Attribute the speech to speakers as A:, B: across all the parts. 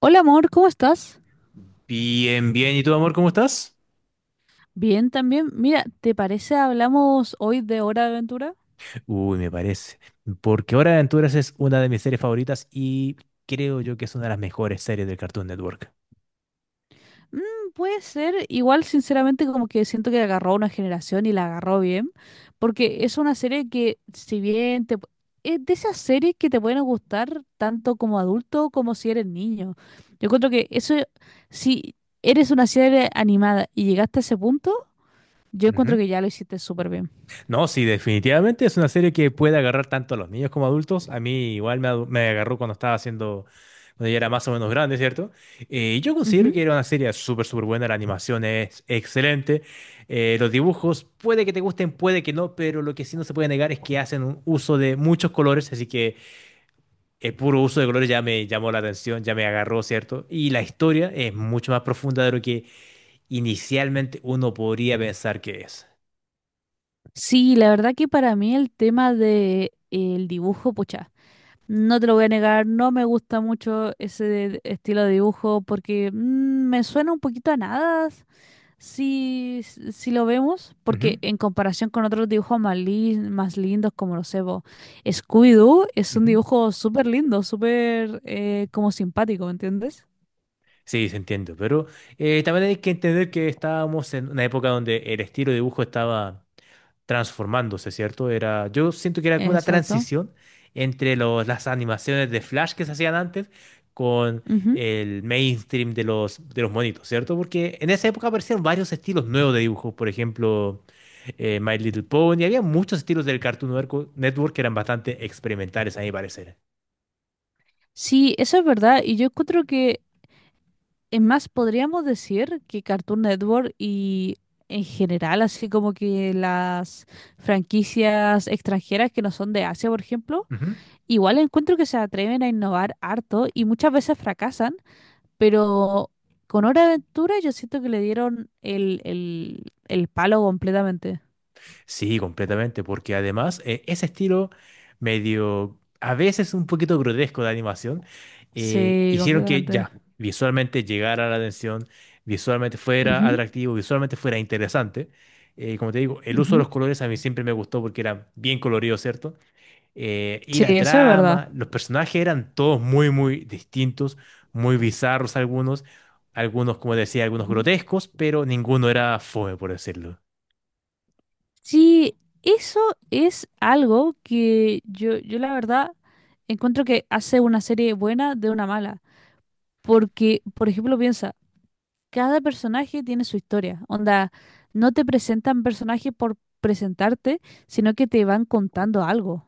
A: Hola amor, ¿cómo estás?
B: Bien, bien. ¿Y tú, amor, cómo estás?
A: Bien también. Mira, ¿te parece hablamos hoy de Hora de Aventura?
B: Uy, me parece. Porque Hora de Aventuras es una de mis series favoritas y creo yo que es una de las mejores series del Cartoon Network.
A: Mm, puede ser, igual sinceramente como que siento que agarró a una generación y la agarró bien, porque es una serie que si bien es de esas series que te pueden gustar tanto como adulto como si eres niño. Yo encuentro que eso, si eres una serie animada y llegaste a ese punto, yo encuentro
B: Ujú.
A: que ya lo hiciste súper bien.
B: No, sí, definitivamente es una serie que puede agarrar tanto a los niños como adultos. A mí igual me agarró cuando estaba haciendo, cuando ya era más o menos grande, ¿cierto? Yo considero
A: Ujú.
B: que era una serie súper, súper buena. La animación es excelente. Los dibujos puede que te gusten, puede que no, pero lo que sí no se puede negar es que hacen un uso de muchos colores, así que el puro uso de colores ya me llamó la atención, ya me agarró, ¿cierto? Y la historia es mucho más profunda de lo que inicialmente uno podría pensar que es.
A: Sí, la verdad que para mí el tema de el dibujo, pucha. No te lo voy a negar, no me gusta mucho ese estilo de dibujo porque me suena un poquito a nada si lo vemos, porque
B: Ujú,
A: en comparación con otros dibujos más, más lindos como lo sé, po, Scooby-Doo es un
B: ujú.
A: dibujo súper lindo, súper como simpático, ¿me entiendes?
B: Sí, se entiende, pero también hay que entender que estábamos en una época donde el estilo de dibujo estaba transformándose, ¿cierto? Era, yo siento que era como una
A: Exacto.
B: transición entre las animaciones de Flash que se hacían antes con
A: Ujú.
B: el mainstream de de los monitos, ¿cierto? Porque en esa época aparecieron varios estilos nuevos de dibujo, por ejemplo My Little Pony. Había muchos estilos del Cartoon Network que eran bastante experimentales, a mi parecer.
A: Sí, eso es verdad, y yo encuentro que es más, podríamos decir que Cartoon Network y en general, así como que las franquicias extranjeras que no son de Asia, por ejemplo,
B: Ujú.
A: igual encuentro que se atreven a innovar harto y muchas veces fracasan, pero con Hora de Aventura yo siento que le dieron el palo completamente.
B: Sí, completamente, porque además ese estilo medio, a veces un poquito grotesco de animación,
A: Sí,
B: hicieron que
A: completamente.
B: ya visualmente llegara la atención, visualmente fuera
A: Ujú,
B: atractivo, visualmente fuera interesante. Como te digo, el uso de
A: ujú.
B: los colores a mí siempre me gustó porque eran bien coloridos, ¿cierto? Y
A: Sí,
B: la
A: eso es verdad.
B: trama, los personajes eran todos muy, muy distintos, muy bizarros algunos, algunos, como decía, algunos
A: Ujú.
B: grotescos, pero ninguno era fome, por decirlo.
A: Sí, eso es algo que yo la verdad encuentro que hace una serie buena de una mala. Porque, por ejemplo, piensa, cada personaje tiene su historia. Onda, no te presentan personajes por presentarte, sino que te van contando algo.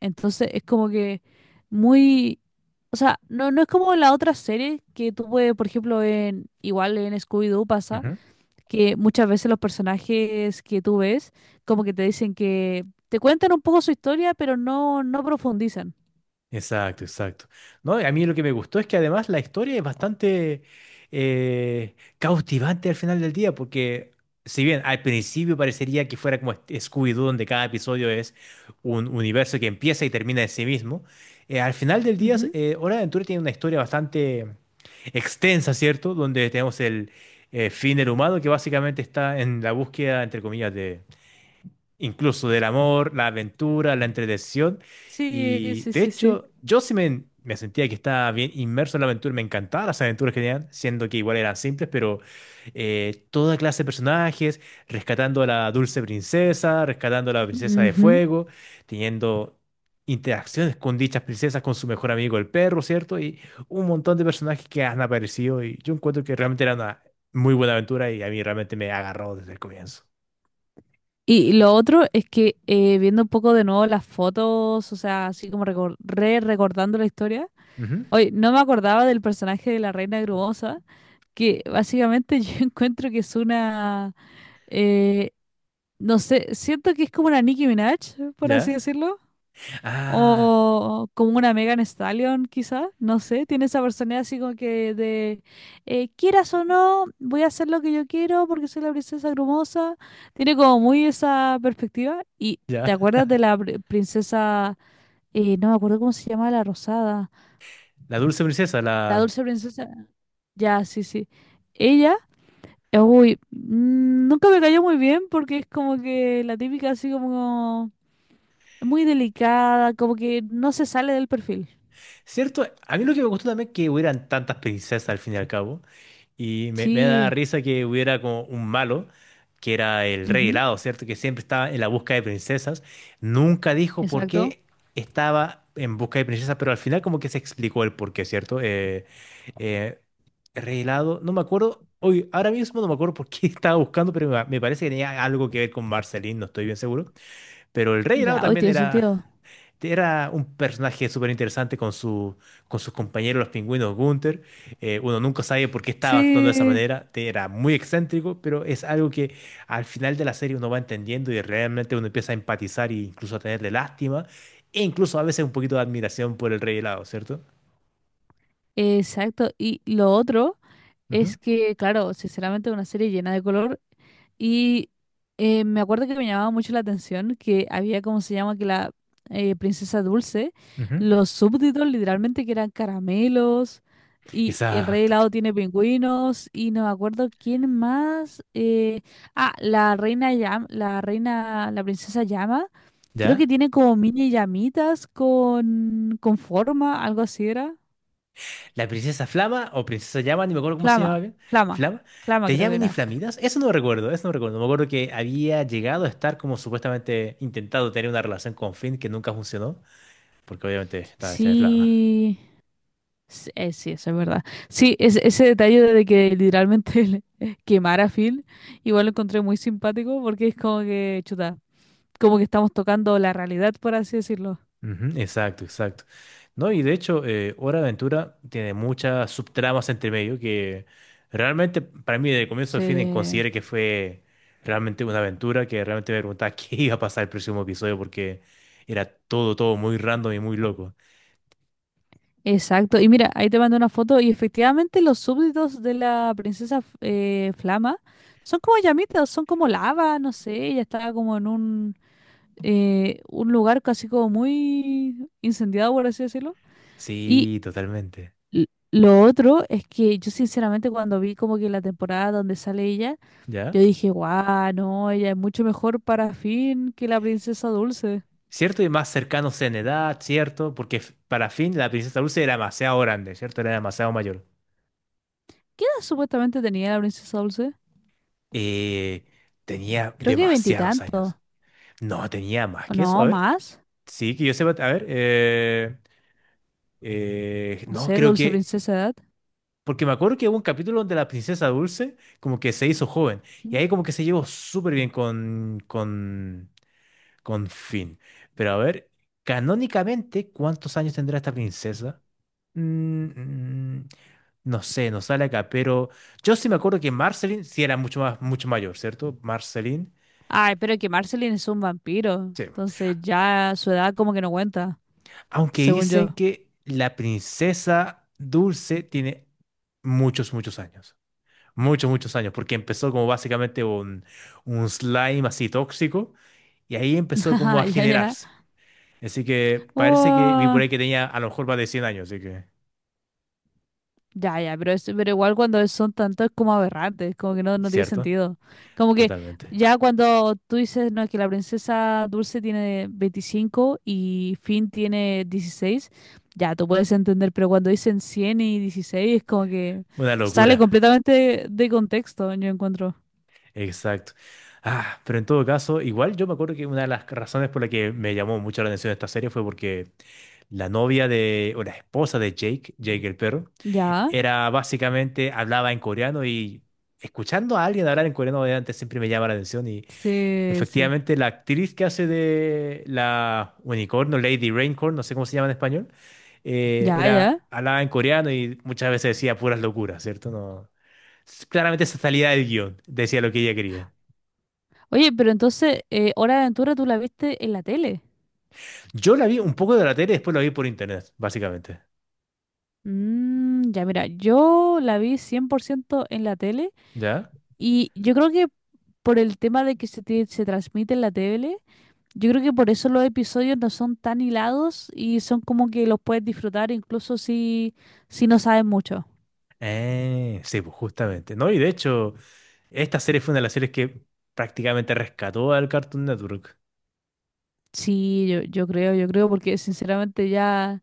A: Entonces es como que muy... O sea, no es como la otra serie que tuve, por ejemplo, en, igual en Scooby-Doo pasa
B: Ujú.
A: que muchas veces los personajes que tú ves, como que te dicen que te cuentan un poco su historia, pero no profundizan.
B: Exacto, exacto. No, y a mí lo que me gustó es que además la historia es bastante cautivante al final del día, porque si bien al principio parecería que fuera como este Scooby-Doo, donde cada episodio es un universo que empieza y termina en sí mismo, eh, al final del día,
A: Ujú.
B: eh, Hora de Aventura tiene una historia bastante extensa, ¿cierto? Donde tenemos el fin del humano, que básicamente está en la búsqueda, entre comillas, de, incluso del amor, la aventura, la entretención.
A: Sí,
B: Y
A: sí,
B: de
A: sí, sí.
B: hecho, yo sí me sentía que estaba bien inmerso en la aventura, me encantaban las aventuras que tenían, siendo que igual eran simples, pero toda clase de personajes, rescatando a la dulce princesa, rescatando a la princesa de
A: Ujú.
B: fuego, teniendo interacciones con dichas princesas, con su mejor amigo el perro, ¿cierto? Y un montón de personajes que han aparecido y yo encuentro que realmente era una muy buena aventura y a mí realmente me agarró desde el comienzo.
A: Y lo otro es que viendo un poco de nuevo las fotos, o sea, así como recor- re recordando la historia,
B: Ujú.
A: hoy no me acordaba del personaje de la Reina Grumosa, que básicamente yo encuentro que es una, eh, no sé, siento que es como una Nicki Minaj, por así
B: ¿Ya?
A: decirlo.
B: Ah,
A: O como una Megan Stallion, quizá, no sé, tiene esa personalidad así como que de quieras o no, voy a hacer lo que yo quiero porque soy la princesa grumosa. Tiene como muy esa perspectiva. ¿Y
B: ya.
A: te acuerdas de la princesa, no me acuerdo cómo se llama, la rosada,
B: La dulce princesa,
A: la
B: la...
A: dulce princesa? Ya, sí, sí. Ella, nunca me cayó muy bien porque es como que la típica así como muy delicada, como que no se sale del perfil.
B: Cierto, a mí lo que me gustó también es que hubieran tantas princesas al fin y al cabo. Y me da
A: Sí.
B: risa que hubiera como un malo, que era el rey helado, ¿cierto? Que siempre estaba en la búsqueda de princesas. Nunca dijo por
A: Exacto.
B: qué estaba en busca de princesas, pero al final como que se explicó el por qué, ¿cierto? Eh, Rey helado, no me acuerdo. Hoy, ahora mismo no me acuerdo por qué estaba buscando, pero me parece que tenía algo que ver con Marceline, no estoy bien seguro. Pero el rey helado
A: Ya, hoy
B: también
A: tiene
B: era.
A: sentido.
B: Era un personaje súper interesante con con sus compañeros, los pingüinos Gunther. Uno nunca sabe por qué estaba actuando de esa
A: Sí,
B: manera. Era muy excéntrico, pero es algo que al final de la serie uno va entendiendo y realmente uno empieza a empatizar e incluso a tenerle lástima e incluso a veces un poquito de admiración por el rey helado, ¿cierto?
A: exacto. Y lo otro,
B: Ujú,
A: es que, claro, sinceramente una serie llena de color y me acuerdo que me llamaba mucho la atención que había, como se llama? Que la princesa Dulce,
B: ujú.
A: los súbditos literalmente que eran caramelos y el rey
B: Exacto.
A: helado tiene pingüinos y no me acuerdo quién más. La reina Llama, la princesa Llama, creo que
B: ¿Ya?
A: tiene como mini llamitas con forma, algo así era.
B: La princesa Flama o princesa Llama, ni me acuerdo cómo se
A: Flama,
B: llamaba bien.
A: flama,
B: Flama.
A: flama creo
B: ¿Tenía
A: que
B: mini
A: era.
B: flamitas? Eso no recuerdo, eso no recuerdo. Me acuerdo que había llegado a estar como supuestamente intentado tener una relación con Finn que nunca funcionó, porque obviamente estaba hecha de flama.
A: Sí, sí, eso es verdad. Sí, ese detalle de que literalmente le quemara a Phil, igual lo encontré muy simpático porque es como que, chuta, como que estamos tocando la realidad, por así decirlo.
B: Ujú, exacto, exacto. No, y de hecho, Hora de Aventura tiene muchas subtramas entre medio que realmente para mí de comienzo a fin
A: Sí,
B: consideré que fue realmente una aventura que realmente me preguntaba qué iba a pasar el próximo episodio porque era todo, todo muy random y muy loco.
A: exacto. Y mira, ahí te mandé una foto y efectivamente los súbditos de la princesa Flama son como llamitas, son como lava, no sé, ella estaba como en un lugar casi como muy incendiado, por así decirlo. Y
B: Sí, totalmente.
A: L- lo otro es que yo sinceramente cuando vi como que la temporada donde sale ella, yo
B: ¿Ya?
A: dije, guau, no, ella es mucho mejor para Finn que la princesa Dulce.
B: ¿Cierto? Y más cercanos en edad, ¿cierto? Porque para Finn la princesa Dulce era demasiado grande, ¿cierto? Era demasiado mayor.
A: ¿Qué edad supuestamente tenía la princesa Dulce?
B: Eh, Tenía
A: Creo que
B: demasiados
A: veintitantos,
B: años. No, tenía más
A: o
B: que eso.
A: no,
B: A ver.
A: más.
B: Sí, que yo sepa. A ver.
A: No
B: No,
A: sé,
B: creo
A: Dulce
B: que.
A: Princesa edad.
B: Porque me acuerdo que hubo un capítulo donde la princesa Dulce como que se hizo joven. Y
A: Mm.
B: ahí como que se llevó súper bien con, con Finn. Pero a ver, canónicamente, ¿cuántos años tendrá esta princesa? Mm, mm, no sé, no sale acá, pero yo sí me acuerdo que Marceline sí era mucho más, mucho mayor, ¿cierto? Marceline.
A: Ay, pero que Marceline es un vampiro,
B: Sí.
A: entonces ya su edad como que no cuenta,
B: Aunque
A: según
B: dicen
A: yo.
B: que la princesa Dulce tiene muchos, muchos años. Muchos, muchos años, porque empezó como básicamente un slime así tóxico y ahí empezó como a
A: Ya, ya.
B: generarse. Así que parece que vi por
A: Oh.
B: ahí que tenía a lo mejor más de 100 años, así que,
A: Ya, ya, pero, es, pero igual cuando son tantos es como aberrantes, como que no tiene
B: ¿cierto?
A: sentido. Como que
B: Totalmente.
A: ya cuando tú dices, no, que la princesa Dulce tiene 25 y Finn tiene 16, ya, tú puedes entender, pero cuando dicen 100 y 16, es como que
B: Una
A: sale
B: locura.
A: completamente de contexto, yo encuentro.
B: Exacto. Ah, pero en todo caso, igual yo me acuerdo que una de las razones por la que me llamó mucho la atención esta serie fue porque la novia de, o la esposa de Jake, Jake el perro,
A: Ya,
B: era básicamente, hablaba en coreano y escuchando a alguien hablar en coreano obviamente siempre me llama la atención y
A: sí, sí.
B: efectivamente la actriz que hace de la unicornio, Lady Raincorn, no sé cómo se llama en español,
A: Ya, ya.
B: era, hablaba en coreano y muchas veces decía puras locuras, ¿cierto? No, claramente esa salida del guión decía lo que ella quería.
A: Oye, pero entonces, Hora de Aventura tú la viste en la tele.
B: Yo la vi un poco de la tele y después la vi por internet, básicamente.
A: Ya, mira, yo la vi 100% en la tele.
B: ¿Ya?
A: Y yo creo que por el tema de que se transmite en la tele, yo creo que por eso los episodios no son tan hilados y son como que los puedes disfrutar incluso si no sabes mucho.
B: Sí, pues justamente. No, y de hecho, esta serie fue una de las series que prácticamente rescató al Cartoon Network.
A: Sí, yo creo, porque sinceramente ya,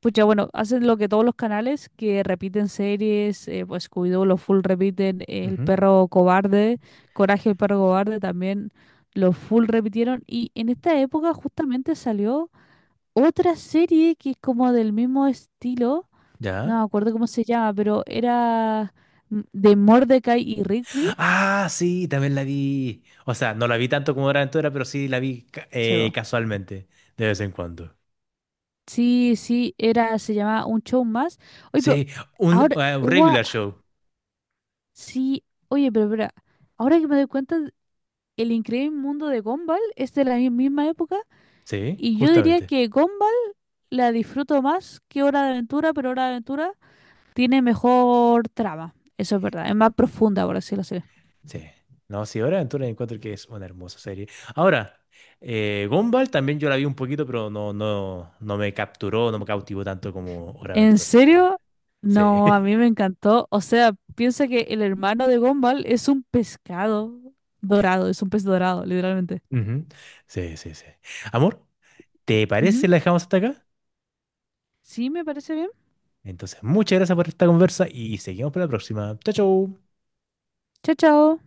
A: pues ya bueno, hacen lo que todos los canales que repiten series, pues Scooby-Doo, los full repiten, El
B: Ujú.
A: perro cobarde, Coraje el perro cobarde también, los full repitieron y en esta época justamente salió otra serie que es como del mismo estilo, no me
B: ¿Ya?
A: acuerdo cómo se llama, pero era de Mordecai y Rigby.
B: Ah, sí, también la vi. O sea, no la vi tanto como Hora de Aventura, pero sí la vi ca-
A: Se
B: eh,
A: va.
B: casualmente, de vez en cuando.
A: Sí, sí, era, se llamaba Un Show Más. Oye, pero
B: Sí,
A: ahora,
B: un
A: ua,
B: regular show.
A: sí, oye, pero espera, ahora que me doy cuenta, El Increíble Mundo de Gumball es de la misma época
B: Sí,
A: y yo diría
B: justamente.
A: que Gumball la disfruto más que Hora de Aventura, pero Hora de Aventura tiene mejor trama. Eso es verdad, es más profunda, por así decirlo. Así.
B: Sí. No, sí, Hora de Aventura encuentro que es una hermosa serie. Ahora, Gumball también yo la vi un poquito, pero no, no me capturó, no me cautivó tanto como Hora de
A: ¿En
B: Aventura, sinceramente.
A: serio?
B: Sí.
A: No, a mí me encantó. O sea, piensa que el hermano de Gumball es un pescado dorado, es un pez dorado, literalmente.
B: Ujú. Sí, sí, sí. Amor, ¿te parece si
A: Ujú.
B: la dejamos hasta acá?
A: Sí, me parece bien.
B: Entonces, muchas gracias por esta conversa y seguimos para la próxima. Chao, chao.
A: Chao, chao.